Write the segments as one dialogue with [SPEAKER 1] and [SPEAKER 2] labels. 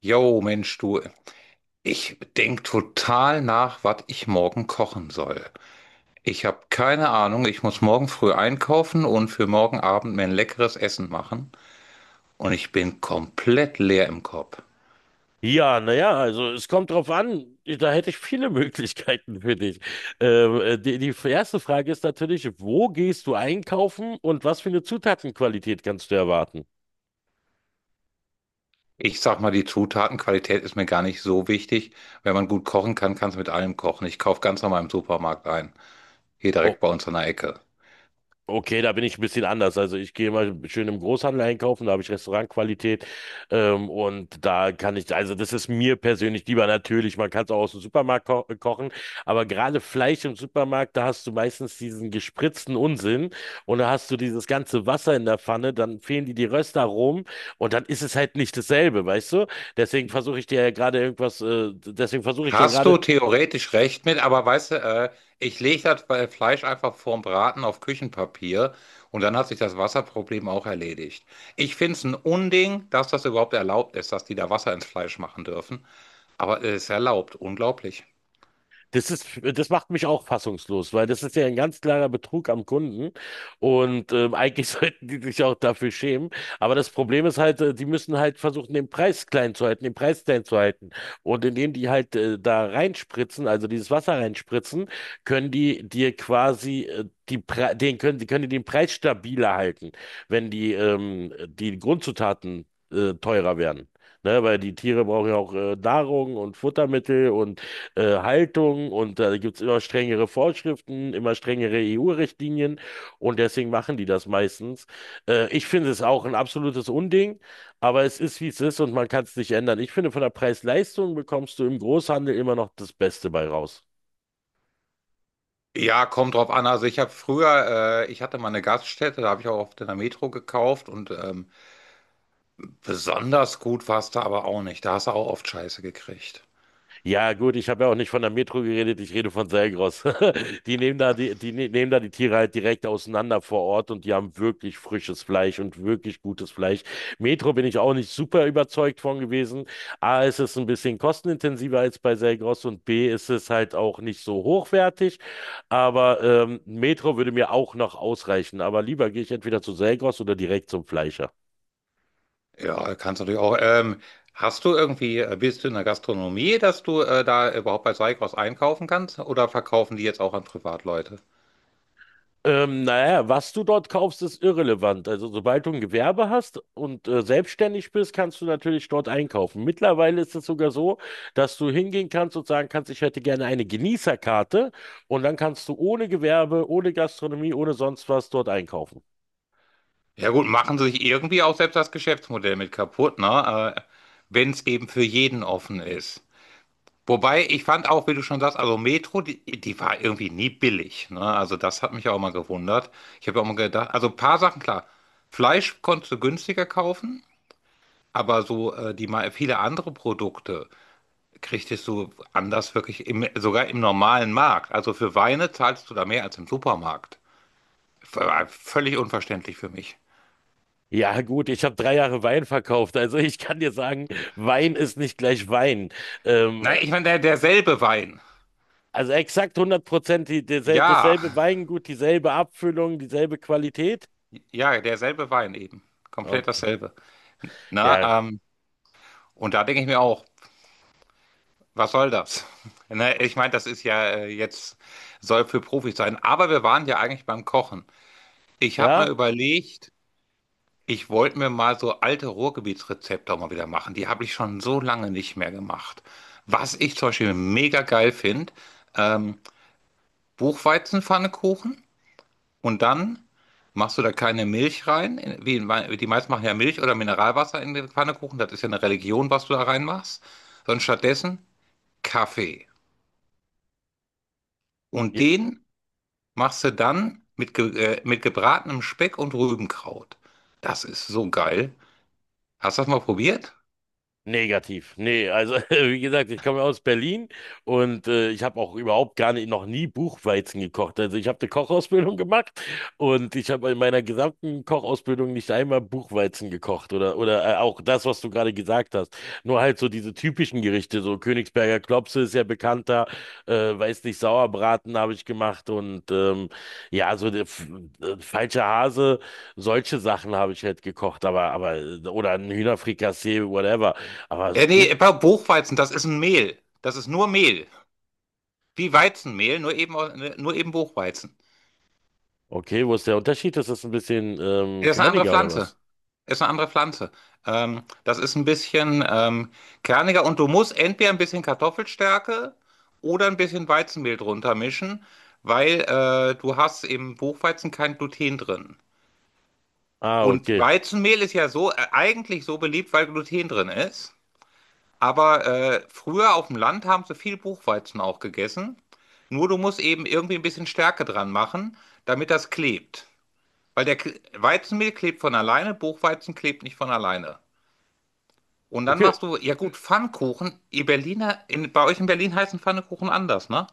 [SPEAKER 1] Jo, Mensch, du, ich denk total nach, was ich morgen kochen soll. Ich habe keine Ahnung, ich muss morgen früh einkaufen und für morgen Abend mir ein leckeres Essen machen. Und ich bin komplett leer im Kopf.
[SPEAKER 2] Ja, naja, also es kommt drauf an, da hätte ich viele Möglichkeiten für dich. Die erste Frage ist natürlich, wo gehst du einkaufen und was für eine Zutatenqualität kannst du erwarten?
[SPEAKER 1] Ich sag mal, die Zutatenqualität ist mir gar nicht so wichtig. Wenn man gut kochen kann, kann es mit allem kochen. Ich kaufe ganz normal im Supermarkt ein. Hier
[SPEAKER 2] Oh,
[SPEAKER 1] direkt bei uns an der Ecke.
[SPEAKER 2] okay, da bin ich ein bisschen anders. Also ich gehe mal schön im Großhandel einkaufen, da habe ich Restaurantqualität und da kann ich, also das ist mir persönlich lieber natürlich, man kann es auch aus dem Supermarkt ko kochen, aber gerade Fleisch im Supermarkt, da hast du meistens diesen gespritzten Unsinn und da hast du dieses ganze Wasser in der Pfanne, dann fehlen dir die Röstaromen und dann ist es halt nicht dasselbe, weißt du? Deswegen versuche ich ja
[SPEAKER 1] Hast du
[SPEAKER 2] gerade.
[SPEAKER 1] theoretisch recht mit, aber weißt du, ich lege das bei Fleisch einfach vorm Braten auf Küchenpapier und dann hat sich das Wasserproblem auch erledigt. Ich finde es ein Unding, dass das überhaupt erlaubt ist, dass die da Wasser ins Fleisch machen dürfen, aber es ist erlaubt, unglaublich.
[SPEAKER 2] Das ist, das macht mich auch fassungslos, weil das ist ja ein ganz klarer Betrug am Kunden und eigentlich sollten die sich auch dafür schämen. Aber das Problem ist halt, die müssen halt versuchen, den Preis klein zu halten, den Preis klein zu halten. Und indem die halt da reinspritzen, also dieses Wasser reinspritzen, können die dir quasi die können die den Preis stabiler halten, wenn die die Grundzutaten teurer werden. Ne, weil die Tiere brauchen ja auch Nahrung und Futtermittel und Haltung und da gibt es immer strengere Vorschriften, immer strengere EU-Richtlinien und deswegen machen die das meistens. Ich finde es auch ein absolutes Unding, aber es ist, wie es ist und man kann es nicht ändern. Ich finde, von der Preis-Leistung bekommst du im Großhandel immer noch das Beste bei raus.
[SPEAKER 1] Ja, kommt drauf an. Also ich habe früher, ich hatte mal eine Gaststätte, da habe ich auch oft in der Metro gekauft und besonders gut war es da aber auch nicht. Da hast du auch oft Scheiße gekriegt.
[SPEAKER 2] Ja, gut, ich habe ja auch nicht von der Metro geredet, ich rede von Selgros. Die nehmen da die, die ne- Nehmen da die Tiere halt direkt auseinander vor Ort und die haben wirklich frisches Fleisch und wirklich gutes Fleisch. Metro bin ich auch nicht super überzeugt von gewesen. A, ist es ein bisschen kostenintensiver als bei Selgros und B, ist es halt auch nicht so hochwertig. Aber Metro würde mir auch noch ausreichen. Aber lieber gehe ich entweder zu Selgros oder direkt zum Fleischer.
[SPEAKER 1] Ja, kannst natürlich auch. Hast du irgendwie, bist du in der Gastronomie, dass du da überhaupt bei Seikos einkaufen kannst? Oder verkaufen die jetzt auch an Privatleute?
[SPEAKER 2] Naja, was du dort kaufst, ist irrelevant. Also, sobald du ein Gewerbe hast und selbstständig bist, kannst du natürlich dort einkaufen. Mittlerweile ist es sogar so, dass du hingehen kannst und sagen kannst, ich hätte gerne eine Genießerkarte und dann kannst du ohne Gewerbe, ohne Gastronomie, ohne sonst was dort einkaufen.
[SPEAKER 1] Ja gut, machen sie sich irgendwie auch selbst das Geschäftsmodell mit kaputt, ne? Wenn es eben für jeden offen ist. Wobei, ich fand auch, wie du schon sagst, also Metro, die war irgendwie nie billig, ne? Also das hat mich auch mal gewundert. Ich habe auch mal gedacht, also ein paar Sachen, klar. Fleisch konntest du günstiger kaufen, aber so die mal viele andere Produkte kriegst du anders wirklich im, sogar im normalen Markt. Also für Weine zahlst du da mehr als im Supermarkt. V völlig unverständlich für mich.
[SPEAKER 2] Ja, gut, ich habe 3 Jahre Wein verkauft. Also, ich kann dir sagen, Wein ist nicht gleich Wein. Ähm,
[SPEAKER 1] Nein, ich meine, derselbe Wein.
[SPEAKER 2] also, exakt 100%
[SPEAKER 1] Ja,
[SPEAKER 2] dasselbe Weingut, dieselbe Abfüllung, dieselbe Qualität.
[SPEAKER 1] ja, derselbe Wein eben. Komplett
[SPEAKER 2] Okay.
[SPEAKER 1] dasselbe.
[SPEAKER 2] Ja.
[SPEAKER 1] Na, und da denke ich mir auch, was soll das? Ne, ich meine, das ist ja jetzt, soll für Profis sein. Aber wir waren ja eigentlich beim Kochen. Ich habe mal
[SPEAKER 2] Ja.
[SPEAKER 1] überlegt, ich wollte mir mal so alte Ruhrgebietsrezepte auch mal wieder machen. Die habe ich schon so lange nicht mehr gemacht. Was ich zum Beispiel mega geil finde, ähm, Buchweizenpfannekuchen, und dann machst du da keine Milch rein. Die meisten machen ja Milch oder Mineralwasser in den Pfannekuchen. Das ist ja eine Religion, was du da reinmachst. Sondern stattdessen Kaffee. Und
[SPEAKER 2] Ja.
[SPEAKER 1] den machst du dann mit, ge mit gebratenem Speck und Rübenkraut. Das ist so geil. Hast du das mal probiert?
[SPEAKER 2] Negativ. Nee, also wie gesagt, ich komme aus Berlin und ich habe auch überhaupt gar nicht, noch nie Buchweizen gekocht. Also ich habe eine Kochausbildung gemacht und ich habe in meiner gesamten Kochausbildung nicht einmal Buchweizen gekocht oder auch das, was du gerade gesagt hast. Nur halt so diese typischen Gerichte, so Königsberger Klopse ist ja bekannter, weiß nicht, Sauerbraten habe ich gemacht und ja, so der falscher Hase, solche Sachen habe ich halt gekocht, aber oder ein Hühnerfrikassee, whatever. Aber das
[SPEAKER 1] Ja,
[SPEAKER 2] Buch.
[SPEAKER 1] nee, bei Buchweizen, das ist ein Mehl. Das ist nur Mehl. Wie Weizenmehl, nur eben Buchweizen.
[SPEAKER 2] Okay, wo ist der Unterschied? Ist das ein bisschen
[SPEAKER 1] Das ist eine andere
[SPEAKER 2] körniger oder
[SPEAKER 1] Pflanze.
[SPEAKER 2] was?
[SPEAKER 1] Ist eine andere Pflanze. Das ist ein bisschen kerniger und du musst entweder ein bisschen Kartoffelstärke oder ein bisschen Weizenmehl drunter mischen, weil du hast im Buchweizen kein Gluten drin.
[SPEAKER 2] Ah,
[SPEAKER 1] Und
[SPEAKER 2] okay.
[SPEAKER 1] Weizenmehl ist ja so eigentlich so beliebt, weil Gluten drin ist. Aber früher auf dem Land haben sie viel Buchweizen auch gegessen. Nur du musst eben irgendwie ein bisschen Stärke dran machen, damit das klebt. Weizenmehl klebt von alleine, Buchweizen klebt nicht von alleine. Und dann
[SPEAKER 2] Okay.
[SPEAKER 1] machst du, ja gut, Pfannkuchen. Ihr Berliner, bei euch in Berlin heißen Pfannkuchen anders, ne?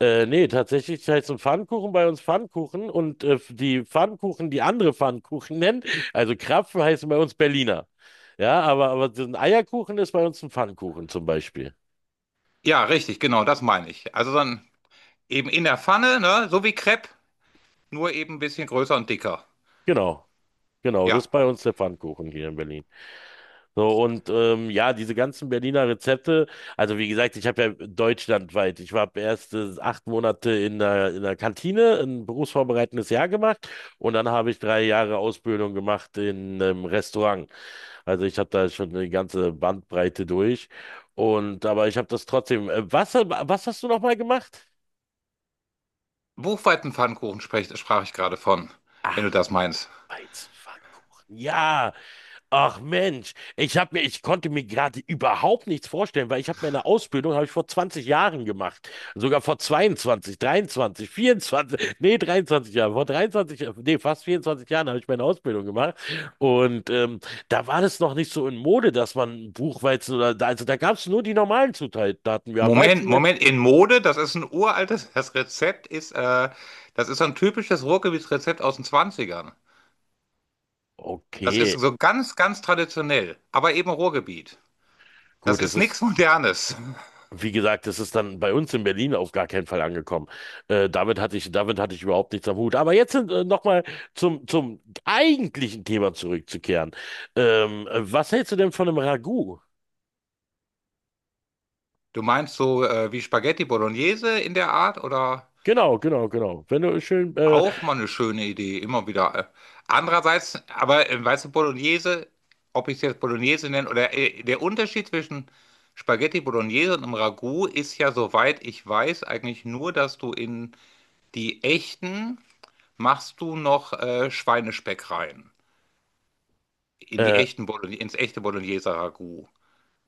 [SPEAKER 2] Nee, tatsächlich heißt ein Pfannkuchen bei uns Pfannkuchen und die Pfannkuchen, die andere Pfannkuchen nennen, also Krapfen heißen bei uns Berliner. Ja, aber so ein Eierkuchen ist bei uns ein Pfannkuchen zum Beispiel.
[SPEAKER 1] Ja, richtig, genau, das meine ich. Also dann eben in der Pfanne, ne? So wie Crepe, nur eben ein bisschen größer und dicker.
[SPEAKER 2] Genau, genau, das
[SPEAKER 1] Ja.
[SPEAKER 2] ist bei uns der Pfannkuchen hier in Berlin. So, und ja, diese ganzen Berliner Rezepte, also wie gesagt, ich habe ja deutschlandweit, ich habe erst 8 Monate in der Kantine, ein berufsvorbereitendes Jahr gemacht und dann habe ich 3 Jahre Ausbildung gemacht in einem Restaurant. Also ich habe da schon eine ganze Bandbreite durch. Und aber ich habe das trotzdem. Was, was hast du nochmal gemacht?
[SPEAKER 1] Buchweizenpfannkuchen sprach ich gerade von, wenn du
[SPEAKER 2] Ach,
[SPEAKER 1] das meinst.
[SPEAKER 2] Weizenpfannkuchen. Ja. Ach Mensch, ich konnte mir gerade überhaupt nichts vorstellen, weil ich habe meine Ausbildung habe ich vor 20 Jahren gemacht, sogar vor 22, 23, 24, nee 23 Jahren, vor 23, nee fast 24 Jahren habe ich meine Ausbildung gemacht und da war das noch nicht so in Mode, dass man Buchweizen oder also da gab es nur die normalen Zutaten. Wir haben
[SPEAKER 1] Moment,
[SPEAKER 2] Weizenmehl.
[SPEAKER 1] Moment, in Mode, das ist ein uraltes, das Rezept ist, das ist so ein typisches Ruhrgebietsrezept aus den Zwanzigern. Das ist
[SPEAKER 2] Okay,
[SPEAKER 1] so ganz, ganz traditionell, aber eben Ruhrgebiet. Das
[SPEAKER 2] gut, das
[SPEAKER 1] ist
[SPEAKER 2] ist.
[SPEAKER 1] nichts Modernes.
[SPEAKER 2] Wie gesagt, das ist dann bei uns in Berlin auf gar keinen Fall angekommen. Damit hatte ich, damit hatte ich überhaupt nichts am Hut. Aber jetzt nochmal zum eigentlichen Thema zurückzukehren. Was hältst du denn von einem Ragout?
[SPEAKER 1] Du meinst so wie Spaghetti Bolognese in der Art oder
[SPEAKER 2] Genau, genau, genau. Wenn du schön,
[SPEAKER 1] auch mal eine schöne Idee, immer wieder. Andererseits, aber weißt du, Bolognese, ob ich es jetzt Bolognese nenne oder der Unterschied zwischen Spaghetti Bolognese und einem Ragout ist ja, soweit ich weiß, eigentlich nur, dass du in die echten machst du noch Schweinespeck rein. In die
[SPEAKER 2] äh,
[SPEAKER 1] echten Bologn Ins echte Bologneser Ragout.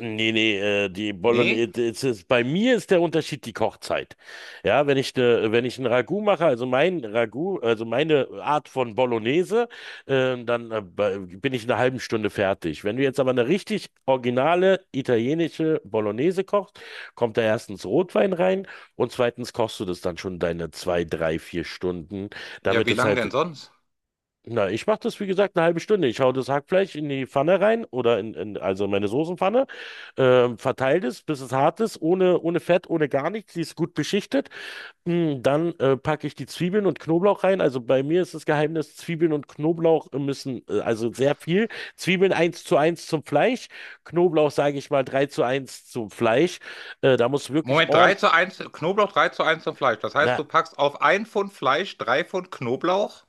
[SPEAKER 2] Nee, nee, die
[SPEAKER 1] Nee?
[SPEAKER 2] Bolognese, es ist, bei mir ist der Unterschied die Kochzeit. Ja, wenn ich ein Ragout mache, also mein Ragout, also meine Art von Bolognese, dann bin ich in einer halben Stunde fertig. Wenn du jetzt aber eine richtig originale italienische Bolognese kochst, kommt da erstens Rotwein rein und zweitens kochst du das dann schon deine zwei, drei, vier Stunden,
[SPEAKER 1] Ja,
[SPEAKER 2] damit
[SPEAKER 1] wie
[SPEAKER 2] es
[SPEAKER 1] lang
[SPEAKER 2] halt.
[SPEAKER 1] denn sonst?
[SPEAKER 2] Na, ich mache das, wie gesagt, eine halbe Stunde. Ich hau das Hackfleisch in die Pfanne rein oder in also meine Soßenpfanne, verteile es, bis es hart ist, ohne, ohne Fett, ohne gar nichts. Die ist gut beschichtet. Hm, dann packe ich die Zwiebeln und Knoblauch rein. Also bei mir ist das Geheimnis, Zwiebeln und Knoblauch müssen, also sehr viel. Zwiebeln eins zu eins zum Fleisch, Knoblauch, sage ich mal, 3 zu eins zum Fleisch. Da muss wirklich
[SPEAKER 1] Moment,
[SPEAKER 2] ordentlich.
[SPEAKER 1] drei zu eins zum Fleisch. Das heißt, du packst auf ein Pfund Fleisch 3 Pfund Knoblauch?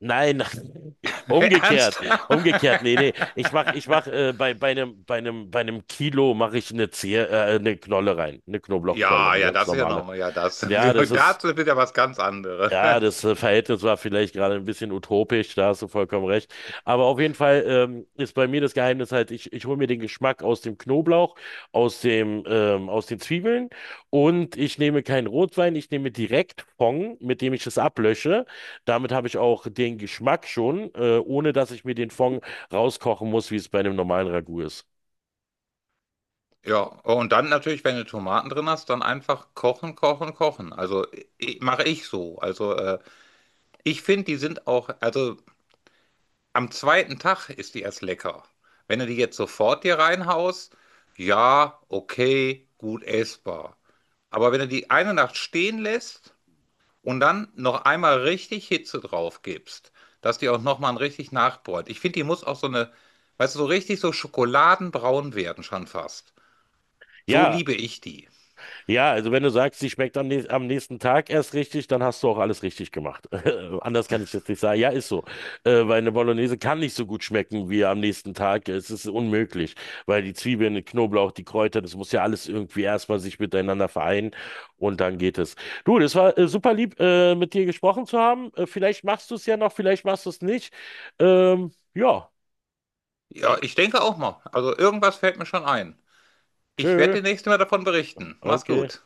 [SPEAKER 2] Nein, nein. Umgekehrt,
[SPEAKER 1] Ernsthaft?
[SPEAKER 2] umgekehrt, nee, nee. Ich mach bei einem Kilo mache ich eine Zehe, eine Knolle rein, eine Knoblauchknolle,
[SPEAKER 1] Ja,
[SPEAKER 2] eine
[SPEAKER 1] ja,
[SPEAKER 2] ganz
[SPEAKER 1] das ist ja
[SPEAKER 2] normale.
[SPEAKER 1] nochmal, ja, das.
[SPEAKER 2] Ja, das ist
[SPEAKER 1] Dazu ist ja was ganz
[SPEAKER 2] ja, das
[SPEAKER 1] anderes.
[SPEAKER 2] Verhältnis war vielleicht gerade ein bisschen utopisch, da hast du vollkommen recht. Aber auf jeden Fall ist bei mir das Geheimnis halt, ich hole mir den Geschmack aus dem Knoblauch, aus den Zwiebeln und ich nehme keinen Rotwein, ich nehme direkt Fond, mit dem ich es ablösche. Damit habe ich auch den Geschmack schon, ohne dass ich mir den Fond rauskochen muss, wie es bei einem normalen Ragout ist.
[SPEAKER 1] Ja, und dann natürlich, wenn du Tomaten drin hast, dann einfach kochen, kochen, kochen. Also mache ich so. Also ich finde, die sind auch, also am 2. Tag ist die erst lecker. Wenn du die jetzt sofort dir reinhaust, ja, okay, gut essbar. Aber wenn du die eine Nacht stehen lässt und dann noch einmal richtig Hitze drauf gibst, dass die auch nochmal richtig nachbräunt. Ich finde, die muss auch so eine, weißt du, so richtig so schokoladenbraun werden schon fast. So
[SPEAKER 2] Ja.
[SPEAKER 1] liebe ich die.
[SPEAKER 2] Ja, also wenn du sagst, sie schmeckt am nächsten Tag erst richtig, dann hast du auch alles richtig gemacht. Anders kann ich jetzt nicht sagen. Ja, ist so. Weil eine Bolognese kann nicht so gut schmecken wie am nächsten Tag. Es ist unmöglich, weil die Zwiebeln, der Knoblauch, die Kräuter, das muss ja alles irgendwie erstmal sich miteinander vereinen und dann geht es. Du, das war super lieb, mit dir gesprochen zu haben. Vielleicht machst du es ja noch, vielleicht machst du es nicht. Ja,
[SPEAKER 1] Ja, ich denke auch mal. Also irgendwas fällt mir schon ein. Ich werde
[SPEAKER 2] tschö.
[SPEAKER 1] demnächst mal davon berichten. Mach's
[SPEAKER 2] Okay.
[SPEAKER 1] gut.